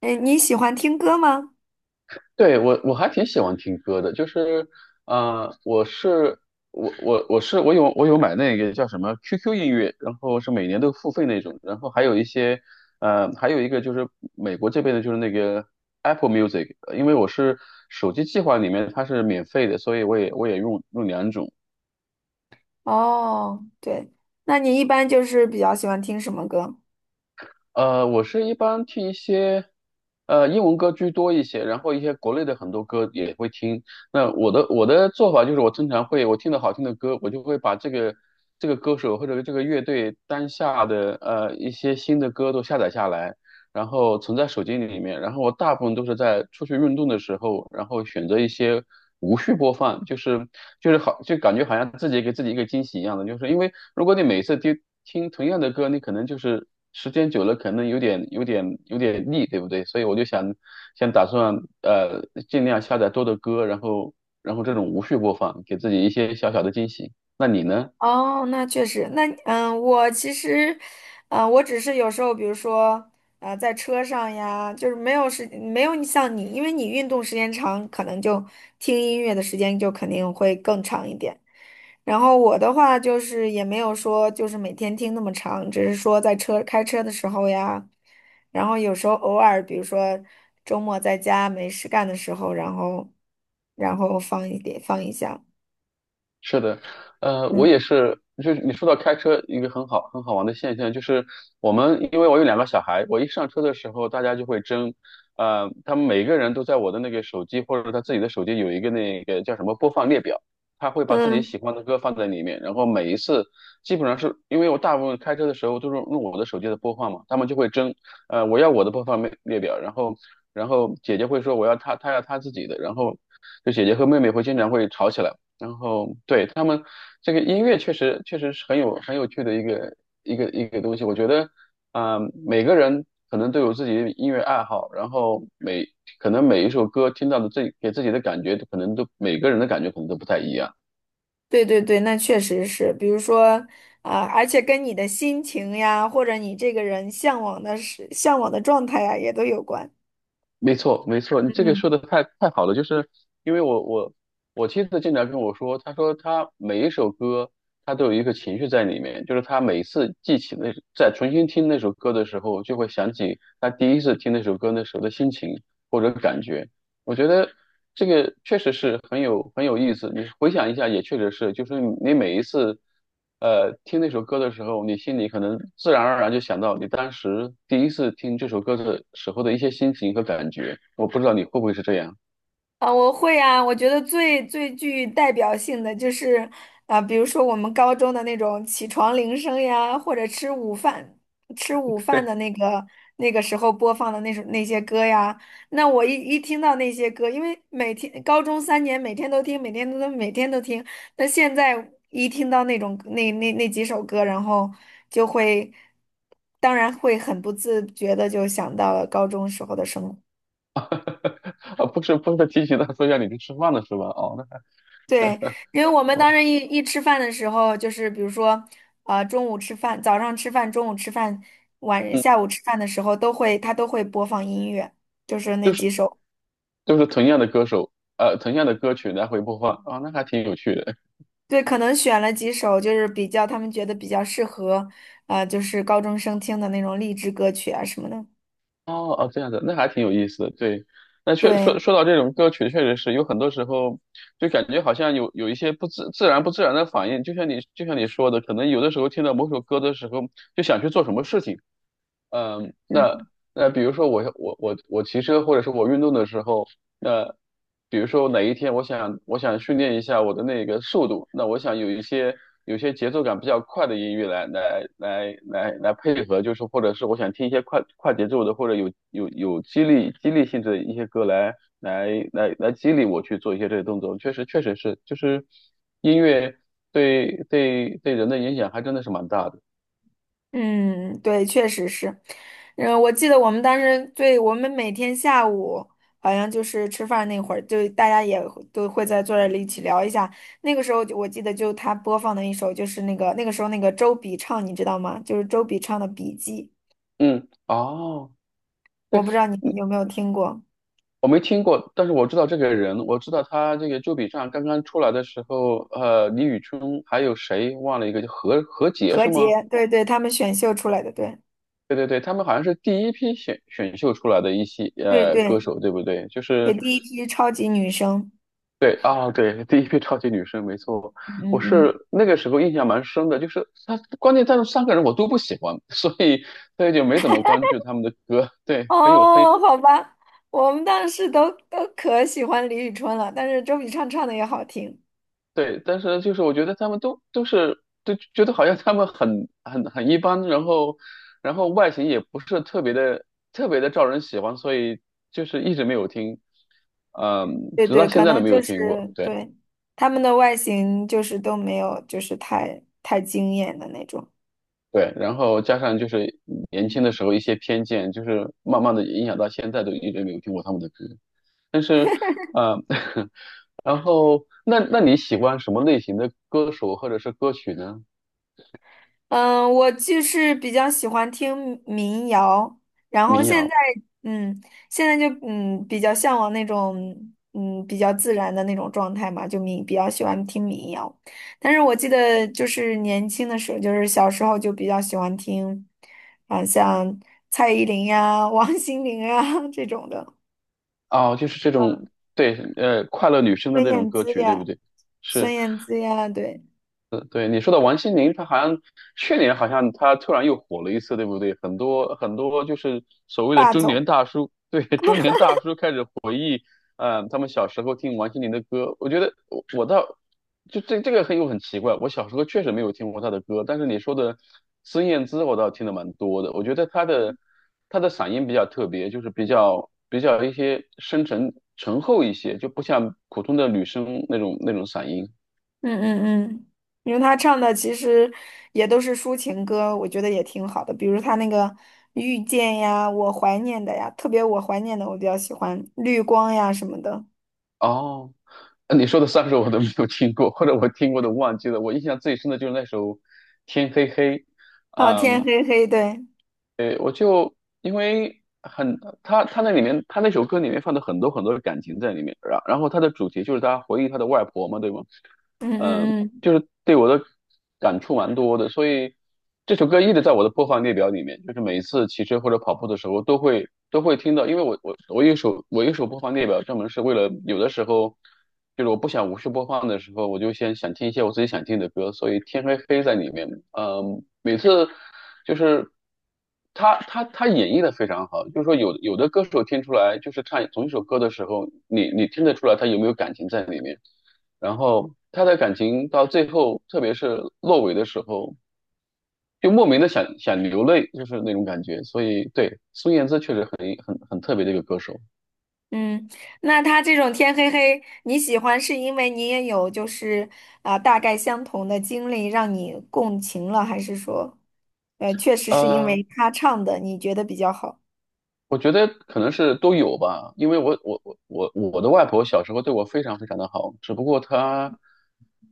哎，你喜欢听歌吗？对，我还挺喜欢听歌的，就是，呃，我是我有买那个叫什么 QQ 音乐，然后是每年都付费那种，然后还有一些，还有一个就是美国这边的就是那个 Apple Music，因为我是手机计划里面它是免费的，所以我也用两种，哦，对，那你一般就是比较喜欢听什么歌？我是一般听一些，英文歌居多一些，然后一些国内的很多歌也会听。那我的做法就是，我经常会我听到好听的歌，我就会把这个歌手或者这个乐队当下的一些新的歌都下载下来，然后存在手机里面，然后我大部分都是在出去运动的时候，然后选择一些无序播放，就是好，就感觉好像自己给自己一个惊喜一样的，就是因为如果你每次听同样的歌，你可能就是时间久了，可能有点腻，对不对？所以我就想打算呃尽量下载多的歌，然后这种无序播放，给自己一些小小的惊喜。哦，那确实。那嗯，我其实，嗯，我只是有时候，比如说，在车上呀，就是没有你像你，因为你运动时间长，可能就听音乐的时间就肯定会更长一点。然后我的话就是也没有说就是每天听那么长，只是说在车开车的时候呀，然后有时候偶尔，比如说周末在家没事干的时候，然后放一点放一下。是的，我嗯。也是，就是你说到开车一个很好玩的现象，就是我们因为我有两个小孩，我一上车的时候，大家就会争，他们每个人都在我的那个手机或者他自己的手机有一个那个叫什么播放列表，他会把自己嗯，喜欢的歌放在里面，然后每一次基本上是因为我大部分开车的时候都是用我的手机的播放嘛，他们就会争，我要我的播放列表，然后姐姐会说我要她要她自己的，然后就姐姐和妹妹经常会吵起来。然后对他们这个音乐确实是很有趣的一个一个东西。我觉得，啊、每个人可能都有自己的音乐爱好，然后可能每一首歌听到的自己给自己的感觉，可能都每个人的感觉可能都不太一样。对对对，那确实是。比如说啊，而且跟你的心情呀，或者你这个人向往的状态呀，也都有关。没错，没错，你这个嗯。说的太好了，就是因为我妻子经常跟我说，她说她每一首歌，她都有一个情绪在里面，就是她每次记起那，在重新听那首歌的时候，就会想起她第一次听那首歌那时候的心情或者感觉。我觉得这个确实是很有意思。你回想一下，也确实是，就是你每一次，听那首歌的时候，你心里可能自然而然就想到你当时第一次听这首歌的时候的一些心情和感觉。我不知道你会不会是这样。啊，我会啊，我觉得最最具代表性的就是啊，比如说我们高中的那种起床铃声呀，或者吃午饭的 那个那个时候播放的那首那些歌呀。那我一听到那些歌，因为每天高中三年每天都听，每天都听。那现在一听到那种那几首歌，然后就会，当然会很不自觉的就想到了高中时候的生活。啊，不是不是提醒他说一下你去吃饭了是吧？哦，那还对，因为我们当时一吃饭的时候，就是比如说，呃，中午吃饭、晚下午吃饭的时候，都会他都会播放音乐，就是那就几是首。就是同样的歌手，同样的歌曲来回播放，啊、那还挺有趣的。对，可能选了几首，就是比较他们觉得比较适合，就是高中生听的那种励志歌曲啊什么的。哦哦，这样子，那还挺有意思的。对，对，说到这种歌曲，确实是有很多时候就感觉好像有一些不自然的反应，就像你说的，可能有的时候听到某首歌的时候，就想去做什么事情。嗯，那比如说我骑车或者是我运动的时候，那比如说哪一天我想训练一下我的那个速度，那我想有些节奏感比较快的音乐来配合，就是或者是我想听一些快节奏的或者有激励性质的一些歌来激励我去做一些这些动作，确实是就是音乐对人的影响还真的是蛮大的，嗯，对，确实是。嗯，我记得我们当时对我们每天下午好像就是吃饭那会儿，就大家也会都会在坐这里一起聊一下。那个时候就我记得就他播放的一首就是那个那个时候那个周笔畅，你知道吗？就是周笔畅的《笔记》，嗯，哦。我不知道你们有没有听过。我没听过，但是我知道这个人，我知道他这个周笔畅刚刚出来的时候，李宇春还有谁忘了一个，叫何洁何是吗？洁，对对，他们选秀出来的。对对对对，他们好像是第一批选秀出来的一些对对歌手，对不对？就对，是第一批超级女生。对啊、对，第一批超级女声，没错。嗯我嗯嗯。是那个时候印象蛮深的，就是他，关键他们三个人我都不喜欢，所以就没怎么关注他们的歌，对，很有很哦，好吧，我们当时都都可喜欢李宇春了，但是周笔畅唱的也好听。对，但是就是我觉得他们都觉得好像他们很一般，然后外形也不是特别的招人喜欢，所以就是一直没有听，对直到对，现可在都能没就有是听过。对对，他们的外形就是都没有，就是太太惊艳的那种。对，然后加上就是年轻的时候一些偏见，就是慢慢的影响到现在都一直没有听过他们的歌。但是，呃，然后那你喜欢什么类型的歌手或者是歌曲呢？嗯，我就是比较喜欢听民谣，然后民现谣。在嗯，现在就嗯比较向往那种嗯比较自然的那种状态嘛，就民比较喜欢听民谣。但是我记得就是年轻的时候，就是小时候就比较喜欢听，啊像蔡依林呀、王心凌啊这种的，哦，就是这种，对，快乐女生的孙那种燕歌姿曲，对不呀。对？孙是，燕姿呀，对，对，你说的王心凌，她好像去年好像她突然又火了一次，对不对？很多很多就是所谓的霸中总，年大叔，对，中年大叔开始他们小时候听王心凌的歌，我觉得我倒就这个很奇怪，我小时候确实没有听过她的歌，但是你说的孙燕姿，我倒听的蛮多的。我觉得她的嗓音比较特别，就是比较一些深沉醇厚一些，就不像普通的女生那种嗓音。嗯嗯嗯，因为他唱的其实也都是抒情歌，我觉得也挺好的，比如他那个《遇见》呀，《我怀念的》呀，特别《我怀念的》我比较喜欢，《绿光》呀什么的。哦，你说的三首我都没有听过，或者我听过的忘记了。我印象最深的就是那首《天黑黑》，哦，天啊、黑黑，对。对，我就因为很他那里面他那首歌里面放的很多很多的感情在里面，然后他的主题就是他回忆他的外婆嘛，对吗？嗯嗯，嗯嗯就是对我的感触蛮多的，所以这首歌一直在我的播放列表里面，就是每一次骑车或者跑步的时候都会听到，因为我有一首播放列表，专门是为了有的时候就是我不想无视播放的时候，我就先想听一些我自己想听的歌，所以天黑黑在里面，每次就是他演绎的非常好，就是说有的歌手听出来，就是唱同一首歌的时候，你听得出来他有没有感情在里面。然后他的感情到最后，特别是落尾的时候，就莫名的想流泪，就是那种感觉。所以，对，孙燕姿确实很特别的一个歌手。嗯，那他这种天黑黑，你喜欢是因为你也有就是啊、大概相同的经历让你共情了，还是说，确实是因呃，为他唱的你觉得比较好？我觉得可能是都有吧，因为我的外婆小时候对我非常非常的好，只不过她，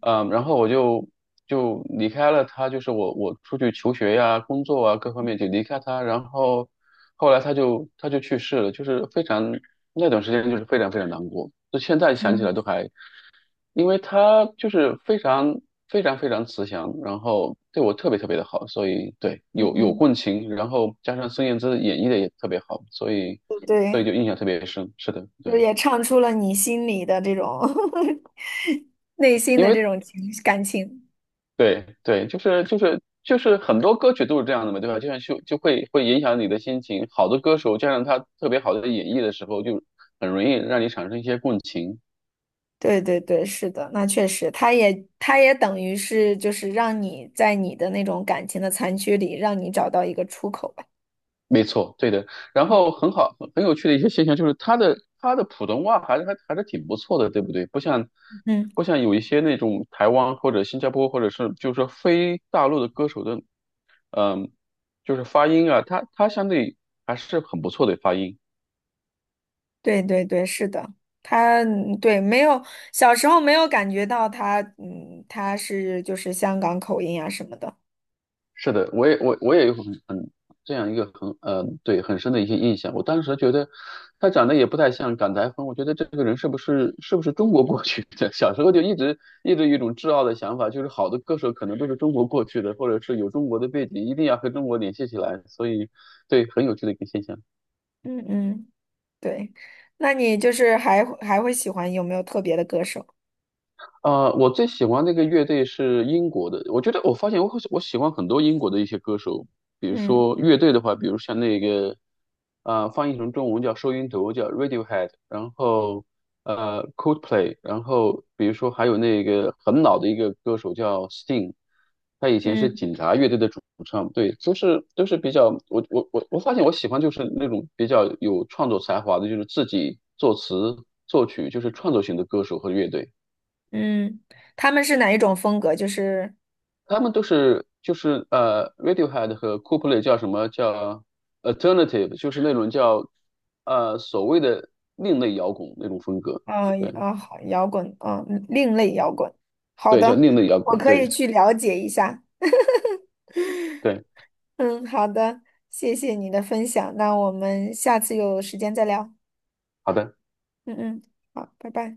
然后我就离开了她，就是我出去求学呀、工作啊各方面就离开她，然后后来她就去世了，就是非常那段时间就是非常非常难过，就现在想起来嗯都还因为他就是非常慈祥，然后对我特别特别的好，所以对嗯。有嗯。共情，然后加上孙燕姿演绎的也特别好，所以对，就印象特别深。是的，就对，也唱出了你心里的这种 内心因的为这种感情。对对，就是很多歌曲都是这样的嘛，对吧？就像就就会影响你的心情，好的歌手加上他特别好的演绎的时候，就很容易让你产生一些共情。对对对，是的。那确实，他也等于是就是让你在你的那种感情的残缺里，让你找到一个出口吧。没错，对的。然后很好，很有趣的一些现象就是他的普通话还是挺不错的，对不对？不像嗯，不像有一些那种台湾或者新加坡或者是就是说非大陆的歌手的，嗯，就是发音啊，他相对还是很不错的发音。对对对，是的。他嗯对没有小时候没有感觉到他是就是香港口音啊什么的。是的，我也有很这样一个很对很深的一些印象。我当时觉得他长得也不太像港台风，我觉得这个人是不是中国过去的？小时候就一直有一种自傲的想法，就是好的歌手可能都是中国过去的，或者是有中国的背景，一定要和中国联系起来。所以对，很有趣的一个现象。嗯嗯，对，那你就是还会喜欢有没有特别的歌手？我最喜欢那个乐队是英国的。我觉得我发现我喜欢很多英国的一些歌手，比如嗯说乐队的话，比如像那个，翻译成中文叫收音头，叫 Radiohead，然后Coldplay，然后比如说还有那个很老的一个歌手叫 Sting，他以前是嗯。警察乐队的主唱，对，都是比较我发现我喜欢就是那种比较有创作才华的，就是自己作词作曲，就是创作型的歌手和乐队。嗯，他们是哪一种风格？就是，他们都是就是Radiohead 和 Coldplay 叫什么叫 alternative，就是那种叫所谓的另类摇滚那种风格。嗯，也对啊，好，摇滚，嗯，另类摇滚。好对，叫的，另类摇我滚。可对以去了解一下。对，嗯，好的，谢谢你的分享。那我们下次有时间再聊。好的。嗯嗯，好，拜拜。